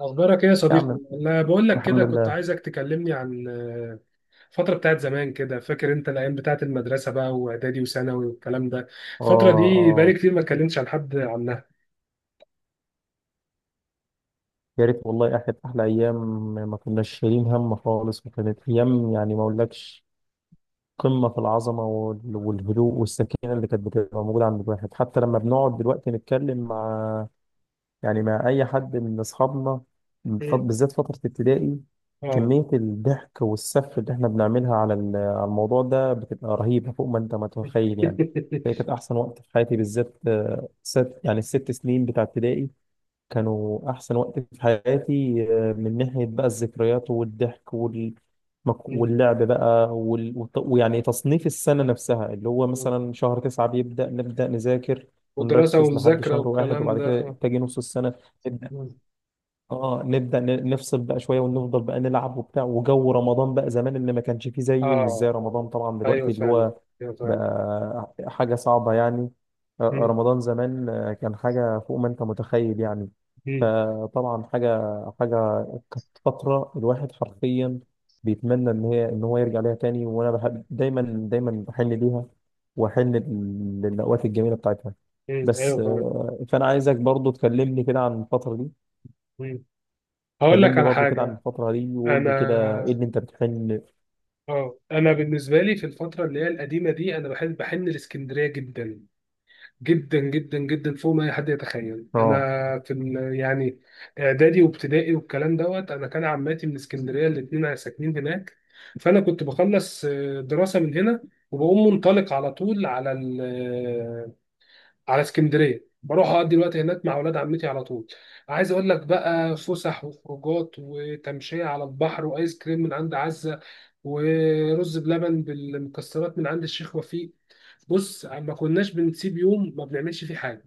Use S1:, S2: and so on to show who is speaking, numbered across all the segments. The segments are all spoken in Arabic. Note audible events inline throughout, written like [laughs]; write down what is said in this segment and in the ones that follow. S1: أخبارك إيه يا
S2: يا
S1: صديقي؟
S2: عم.
S1: أنا بقول لك
S2: الحمد
S1: كده كنت
S2: لله.
S1: عايزك تكلمني عن الفترة بتاعت زمان كده، فاكر أنت الأيام بتاعت المدرسة بقى وإعدادي وثانوي والكلام ده،
S2: اه،
S1: الفترة دي بقالي
S2: اه.
S1: كتير ما اتكلمتش عن حد عنها.
S2: يا ريت والله كانت احلى ايام. ما كناش شايلين هم خالص، وكانت ايام يعني ما اقولكش قمه في العظمه والهدوء والسكينه اللي كانت بتبقى موجوده عند الواحد، حتى لما بنقعد دلوقتي نتكلم مع، يعني مع اي حد من اصحابنا.
S1: إيه؟
S2: بالذات فتره ابتدائي.
S1: آه.
S2: كميه الضحك والسف اللي احنا بنعملها على الموضوع ده بتبقى رهيبه فوق ما انت متخيل يعني. هي
S1: [laughs]
S2: كانت احسن وقت في حياتي بالذات، ست يعني الست سنين بتاع ابتدائي كانوا أحسن وقت في حياتي. من ناحية بقى الذكريات والضحك
S1: مم.
S2: واللعب بقى ويعني تصنيف السنة نفسها اللي هو مثلا شهر 9 نبدأ نذاكر
S1: ودراسة
S2: ونركز لحد
S1: ومذاكرة
S2: شهر 1،
S1: والكلام
S2: وبعد
S1: ده
S2: كده
S1: آه.
S2: تجي نص السنة.
S1: مم.
S2: اه نبدأ نفصل بقى شوية ونفضل بقى نلعب وبتاع. وجو رمضان بقى زمان اللي ما كانش فيه زيه، ومش زي
S1: آه آه.
S2: رمضان طبعا
S1: أيوه
S2: دلوقتي اللي
S1: فعلا.
S2: هو
S1: أيوه فعلا.
S2: بقى حاجة صعبة يعني.
S1: مم.
S2: رمضان زمان، كان حاجة فوق ما انت متخيل يعني.
S1: مم.
S2: فطبعا حاجة كانت فترة الواحد حرفيا بيتمنى ان هو يرجع ليها تاني. وانا بحب دايما، دايما بحن ليها، واحن للأوقات الجميلة بتاعتها.
S1: مم.
S2: بس،
S1: أيوه فعلا.
S2: فانا عايزك برضو تكلمني كده عن الفترة دي.
S1: مم. هقول لك
S2: كلمني
S1: على
S2: برضو كده عن
S1: حاجة.
S2: الفترة دي وقول لي كده ايه
S1: أنا
S2: اللي انت بتحن.
S1: اه انا بالنسبه لي في الفتره اللي هي القديمه دي انا بحب بحن الاسكندريه جدا جدا جدا جدا فوق ما اي حد يتخيل. انا
S2: اه،
S1: يعني اعدادي وابتدائي والكلام دوت، انا كان عماتي من اسكندريه الاثنين ساكنين هناك، فانا كنت بخلص دراسه من هنا وبقوم منطلق على طول على اسكندريه، بروح اقضي الوقت هناك مع اولاد عمتي على طول. عايز اقول لك بقى فسح وخروجات وتمشيه على البحر وايس كريم من عند عزه، ورز بلبن بالمكسرات من عند الشيخ وفيق. بص، ما كناش بنسيب يوم ما بنعملش فيه حاجه،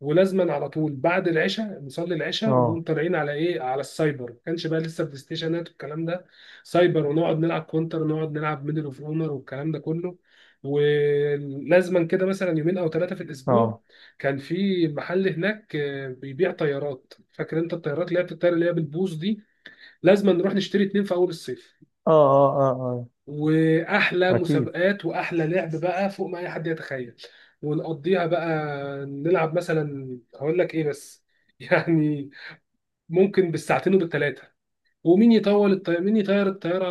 S1: ولازما على طول بعد العشاء نصلي العشاء ونقوم
S2: اه،
S1: طالعين على ايه، على السايبر، ما كانش بقى لسه بلاي ستيشنات والكلام ده. سايبر ونقعد نلعب كونتر ونقعد نلعب ميدل اوف اونر والكلام ده كله، ولازما كده مثلا يومين او ثلاثه في الاسبوع.
S2: اه،
S1: كان في محل هناك بيبيع طيارات، فاكر انت الطيارات اللي هي بتطير اللي هي بالبوص دي؟ لازما نروح نشتري اتنين في اول الصيف،
S2: اه، اه، اه،
S1: واحلى
S2: اه، اكيد،
S1: مسابقات واحلى لعب بقى فوق ما اي حد يتخيل. ونقضيها بقى نلعب مثلا، هقول لك ايه بس [laughs] يعني، ممكن بالساعتين وبالثلاثه، ومين يطول الطيارة، مين يطير الطيارة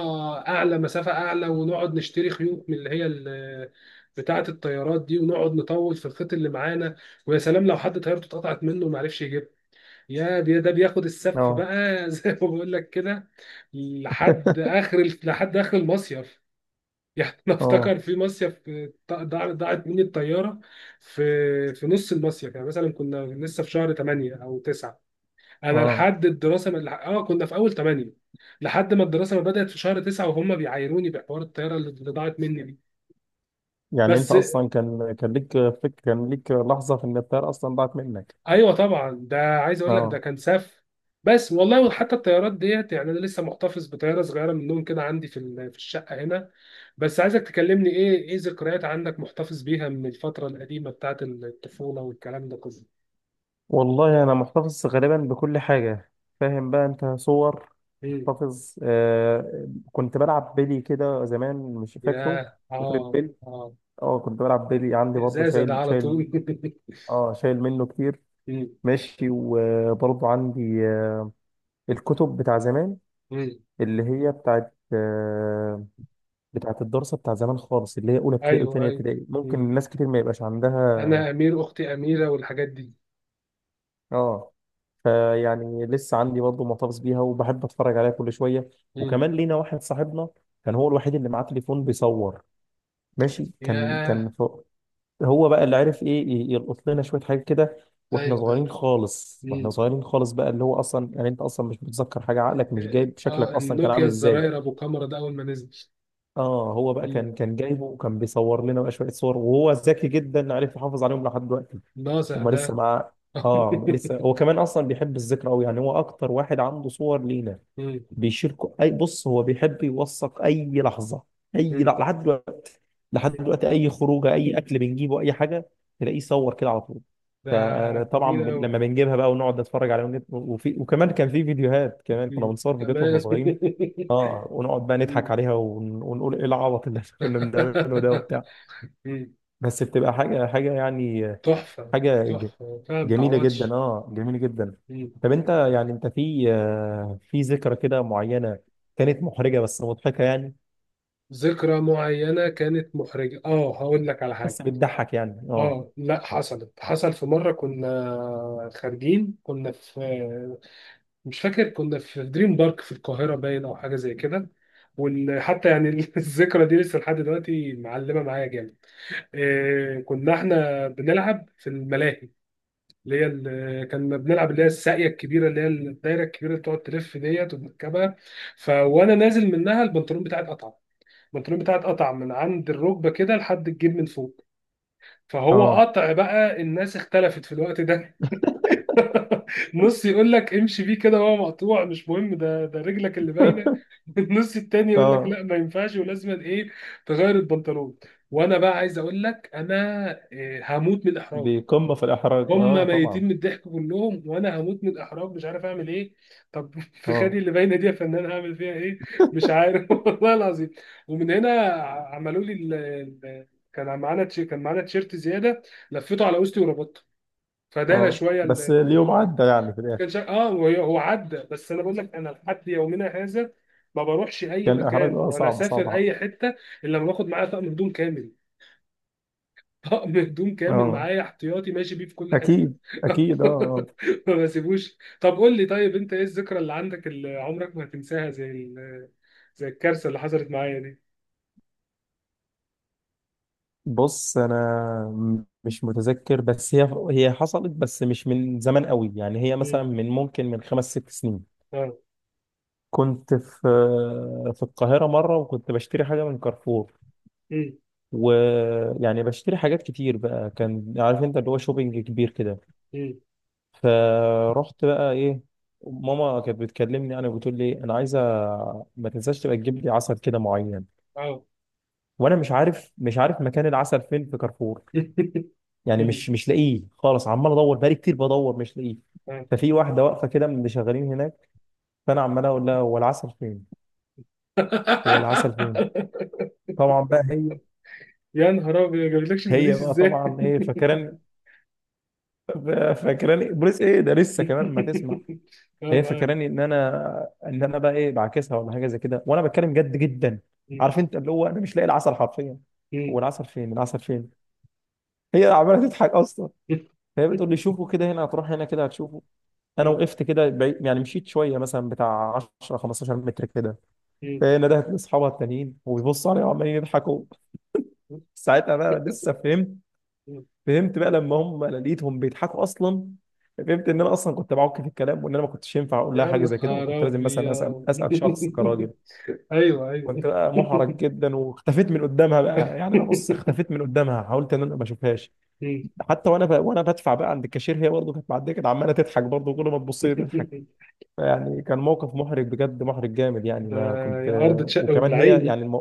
S1: أعلى مسافة أعلى. ونقعد نشتري خيوط من اللي هي بتاعة الطيارات دي، ونقعد نطول في الخيط اللي معانا. ويا سلام لو حد طيارته اتقطعت منه وما عرفش يجيبها، ده بياخد السف
S2: اه،
S1: بقى، [laughs] زي ما بقول لك كده، لحد آخر المصيف. [laughs] يعني انا
S2: اه،
S1: افتكر في مصيف ضاعت مني الطياره في في نص المصيف، يعني مثلا كنا لسه في شهر 8 او 9، انا
S2: اه.
S1: لحد الدراسه ما كنا في اول 8، لحد ما الدراسه ما بدات في شهر 9 وهم بيعايروني بحوار الطياره اللي ضاعت مني دي.
S2: يعني انت
S1: بس
S2: اصلا كان ليك لحظة في ان الطيارة اصلا ضاعت منك؟
S1: ايوه طبعا، ده عايز اقول لك ده
S2: اه.
S1: كان سف. بس والله، وحتى الطيارات ديت، يعني انا لسه محتفظ بطياره صغيره منهم كده عندي في الشقه هنا. بس عايزك تكلمني ايه ايه ذكريات عندك محتفظ بيها من الفتره القديمه بتاعت الطفوله والكلام ده كله.
S2: والله انا محتفظ غالبا بكل حاجة. فاهم بقى انت؟ صور
S1: مم.
S2: محتفظ. كنت بلعب بيلي كده زمان، مش فاكره؟
S1: ياه،
S2: فاكر
S1: اه
S2: البيلي؟
S1: اه.
S2: اه، كنت بلعب بيلي، عندي برضه
S1: ازازه ده
S2: شايل،
S1: على طول. [laughs]
S2: اه شايل منه كتير.
S1: مم.
S2: ماشي. وبرضه عندي، الكتب بتاع زمان
S1: مم.
S2: اللي هي بتاعت الدراسة بتاع زمان خالص، اللي هي أولى ابتدائي
S1: ايوه
S2: وتانية
S1: ايوه.
S2: ابتدائي. ممكن
S1: مم.
S2: ناس كتير ما يبقاش عندها.
S1: انا امير، اختي اميره والحاجات دي.
S2: اه. فيعني لسه عندي برضه محتفظ بيها، وبحب أتفرج عليها كل شوية.
S1: مم.
S2: وكمان لينا واحد صاحبنا كان هو الوحيد اللي معاه تليفون بيصور. ماشي.
S1: ياه.
S2: هو بقى اللي عارف ايه يلقط لنا شويه حاجات كده، واحنا
S1: ايوه ايوه.
S2: صغيرين خالص،
S1: مم.
S2: بقى اللي هو اصلا يعني انت اصلا مش متذكر حاجه، عقلك مش جايب شكلك
S1: اه
S2: اصلا كان
S1: النوكيا
S2: عامل ازاي.
S1: الزراير ابو كاميرا ده اول ما نزل.
S2: اه، هو بقى
S1: مم.
S2: كان جايبه، وكان بيصور لنا بقى شويه صور، وهو ذكي جدا عارف يحافظ عليهم لحد دلوقتي.
S1: ناصح
S2: هما لسه
S1: ده.
S2: معاه.
S1: [laughs]
S2: اه لسه. هو كمان اصلا بيحب الذكرى قوي، يعني هو اكتر واحد عنده صور لينا.
S1: مم.
S2: بيشاركوا اي؟ بص هو بيحب يوثق اي لحظه، اي
S1: مم.
S2: لحظة. لحد دلوقتي، لحد دلوقتي اي خروجه، اي اكل بنجيبه، اي حاجه تلاقيه صور كده على طول.
S1: ده
S2: فطبعا
S1: جميل قوي
S2: لما بنجيبها بقى ونقعد نتفرج عليها وكمان كان في فيديوهات، كمان كنا بنصور فيديوهات واحنا
S1: كمان.
S2: صغيرين. اه، ونقعد بقى
S1: [laughs] مم.
S2: نضحك عليها ونقول ايه العبط اللي [laughs] كنا بنعمله ده وبتاع.
S1: مم.
S2: بس بتبقى حاجه يعني،
S1: تحفة.
S2: حاجه
S1: تحفة فعلا،
S2: جميلة جدا،
S1: متعوضش.
S2: اه جميلة جدا. طب
S1: مم.
S2: انت يعني، في في ذكرى كده معينة كانت محرجة بس مضحكة يعني؟
S1: ذكرى معينة كانت محرجة؟ اه، هقول لك على حاجة.
S2: بس بتضحك يعني. اه،
S1: اه، لا، حصلت، حصل في مرة كنا خارجين، كنا في، مش فاكر، كنا في دريم بارك في القاهرة باين أو حاجة زي كده. وحتى يعني [laughs] الذكرى دي لسه لحد دلوقتي معلمة معايا جامد. إيه، كنا احنا بنلعب في الملاهي اللي هي كنا بنلعب اللي هي الساقية الكبيرة اللي هي الدايرة الكبيرة اللي بتقعد تلف ديت وبنركبها. فوانا نازل منها البنطلون بتاعي اتقطع، البنطلون بتاعي اتقطع من عند الركبة كده لحد الجيب من فوق. فهو
S2: اه،
S1: قطع بقى، الناس اختلفت في الوقت ده، [laughs] نص يقول لك امشي بيه كده وهو مقطوع، مش مهم ده، ده رجلك اللي باينه، [laughs] النص التاني يقول لك
S2: اه.
S1: لا ما ينفعش ولازم ايه، تغير البنطلون. وانا بقى عايز اقول لك انا إيه، هموت من الاحراج.
S2: دي قمة في الإحراج،
S1: هم
S2: اه
S1: ميتين
S2: طبعا.
S1: من الضحك كلهم وانا هموت من الاحراج مش عارف اعمل ايه. طب [laughs] في خدي
S2: اه،
S1: اللي باينه دي يا فنان هعمل فيها ايه؟ مش عارف، [laughs] والله العظيم. ومن هنا عملوا لي ال- كان معانا تيشيرت زياده، لفيته على وسطي وربطته، فدار
S2: اه.
S1: شويه
S2: بس اليوم
S1: الموضوع ده.
S2: عدى يعني في
S1: كان
S2: الآخر.
S1: شا... اه وهي- هو عدى، بس انا بقول لك انا لحد يومنا هذا ما بروحش اي
S2: كان الإحراج
S1: مكان
S2: اه
S1: ولا
S2: صعب،
S1: اسافر
S2: صعب.
S1: اي حته الا لما باخد معايا طقم هدوم كامل. [laughs] طقم هدوم كامل
S2: اه
S1: معايا احتياطي ماشي بيه في كل حته.
S2: أكيد، أكيد، اه،
S1: [laughs]
S2: آه.
S1: ما بسيبوش. طب قول لي طيب، انت ايه الذكرى اللي عندك اللي عمرك ما هتنساها زي زي الكارثه اللي حصلت معايا دي؟
S2: بص أنا مش متذكر. بس هي حصلت، بس مش من زمان قوي يعني. هي مثلا
S1: مم.
S2: من ممكن من خمس ست سنين
S1: اه.
S2: كنت في القاهرة مرة، وكنت بشتري حاجة من كارفور.
S1: مم.
S2: ويعني بشتري حاجات كتير بقى، كان عارف انت اللي هو شوبينج كبير كده.
S1: مم.
S2: فرحت بقى ايه، ماما كانت بتكلمني، انا بتقول لي: انا عايزة ما تنساش تبقى تجيب لي عسل كده معين.
S1: اه.
S2: وانا مش عارف مكان العسل فين في كارفور.
S1: [laughs]
S2: يعني
S1: مم.
S2: مش لاقيه خالص. عمال ادور بقالي كتير، بدور مش لاقيه.
S1: آه.
S2: ففي واحدة واقفة كده من اللي شغالين هناك. فانا عمال اقول لها: هو العسل فين؟ هو العسل فين؟
S1: [laughs]
S2: طبعا بقى هي
S1: يا نهار ابيض، ما جابلكش
S2: هي
S1: البوليس
S2: بقى
S1: ازاي؟
S2: طبعا ايه،
S1: [laughs]
S2: فاكراني بوليس ايه ده؟ لسه كمان ما تسمع.
S1: [laughs] اه،
S2: هي
S1: معاك.
S2: فاكراني ان انا، بقى ايه، بعاكسها ولا حاجه زي كده، وانا بتكلم جد جدا.
S1: مم.
S2: عارف انت اللي هو انا مش لاقي العسل حرفيا. هو
S1: مم.
S2: العسل فين؟ العسل فين؟ هي عماله تضحك اصلا.
S1: مم.
S2: فهي بتقول لي: شوفوا كده، هنا هتروح هنا كده هتشوفه. انا وقفت كده بعيد يعني، مشيت شويه مثلا بتاع 10 15 متر كده.
S1: مم.
S2: فهي ندهت لاصحابها التانيين، وبيبصوا عليا وعمالين يضحكوا. ساعتها بقى لسه فهمت.
S1: مم.
S2: فهمت بقى لما هم، انا لقيتهم بيضحكوا اصلا، فهمت ان انا اصلا كنت بعك في الكلام، وان انا ما كنتش ينفع اقول لها
S1: يا
S2: حاجه زي كده،
S1: نهار
S2: وكنت لازم مثلا اسال
S1: ابيض.
S2: اسال شخص كراجل.
S1: [laughs] ايوه
S2: كنت
S1: ايوه.
S2: بقى محرج جدا، واختفيت من قدامها بقى. يعني انا، بص، اختفيت من قدامها، حاولت ان انا ما اشوفهاش.
S1: مم.
S2: حتى وانا بقى، بدفع بقى عند الكاشير، هي برضه كانت معديه، كانت عماله تضحك برضه، كل ما تبص لي تضحك. يعني كان موقف محرج بجد، محرج جامد يعني،
S1: ده
S2: ما كنت.
S1: يا ارض تشق
S2: وكمان هي
S1: وبلعيني.
S2: يعني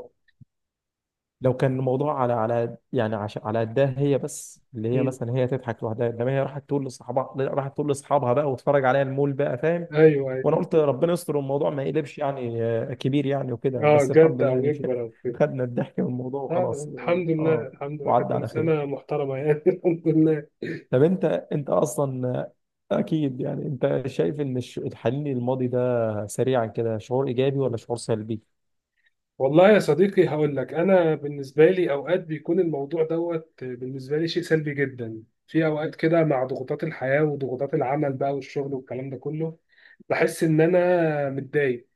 S2: لو كان الموضوع على يعني، عشان على قدها هي بس، اللي هي
S1: مم.
S2: مثلا هي تضحك لوحدها، انما هي راحت تقول لاصحابها بقى، واتفرج عليها المول بقى، فاهم.
S1: ايوه
S2: وانا
S1: ايوه.
S2: قلت ربنا يستر الموضوع ما يقلبش يعني كبير يعني، وكده.
S1: اه،
S2: بس الحمد
S1: جد
S2: لله
S1: او
S2: يعني.
S1: يكبر او
S2: [laughs]
S1: كده.
S2: خدنا الضحك من الموضوع
S1: آه،
S2: وخلاص،
S1: الحمد لله،
S2: اه
S1: الحمد لله، كانت
S2: وعدى على خير.
S1: انسانه محترمه يعني. [laughs] الحمد لله.
S2: طب انت، اصلا، اكيد، يعني انت شايف ان الحنين للماضي ده سريعا كده شعور ايجابي ولا شعور سلبي؟
S1: والله يا صديقي، هقول لك، انا بالنسبه لي اوقات بيكون الموضوع دوت بالنسبه لي شيء سلبي جدا. في اوقات كده مع ضغوطات الحياه وضغوطات العمل بقى والشغل والكلام ده كله، بحس ان انا متضايق،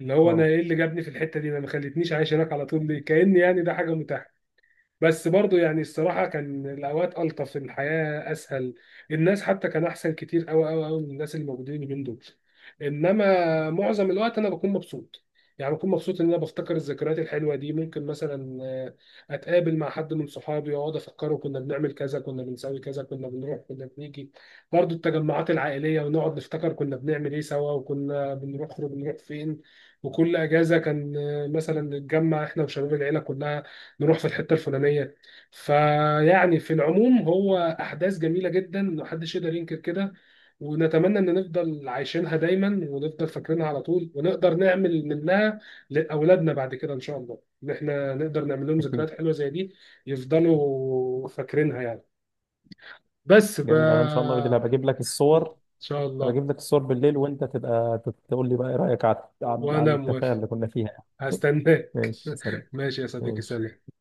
S1: اللي هو انا
S2: اه
S1: ايه اللي جابني في الحته دي؟ ما خلتنيش عايش هناك على طول ليه؟ كاني يعني ده حاجه متاحه. بس برضو يعني الصراحة كان الأوقات ألطف، الحياة أسهل، الناس حتى كان أحسن كتير أوي أوي أوي من الناس اللي موجودين اليومين دول. إنما معظم الوقت أنا بكون مبسوط، يعني بكون مبسوط إن أنا بفتكر الذكريات الحلوة دي. ممكن مثلا أتقابل مع حد من صحابي وأقعد أفكره كنا بنعمل كذا، كنا بنسوي كذا، كنا بنروح، كنا بنيجي، برضو التجمعات العائلية، ونقعد نفتكر كنا بنعمل إيه سوا، وكنا بنروح فين. وكل أجازة كان مثلا نتجمع إحنا وشباب العيلة كلها نروح في الحته الفلانيه. فيعني في العموم هو احداث جميله جدا محدش يقدر ينكر كده، ونتمنى ان نفضل عايشينها دايما ونفضل فاكرينها على طول، ونقدر نعمل منها لاولادنا بعد كده ان شاء الله، ان احنا نقدر نعمل لهم
S2: اكيد.
S1: ذكريات حلوه زي دي يفضلوا فاكرينها يعني.
S2: جميل. انا ان شاء الله بالليل
S1: ان
S2: هبقى اجيب لك الصور.
S1: شاء
S2: أنا
S1: الله.
S2: بجيب لك الصور بالليل، وأنت تبقى تقول لي بقى إيه رأيك على على
S1: وانا
S2: التفاهة
S1: موافق،
S2: اللي كنا فيها يعني. [laughs]
S1: هستناك.
S2: ماشي سلام.
S1: ماشي يا صديقي، سلام.
S2: ماشي.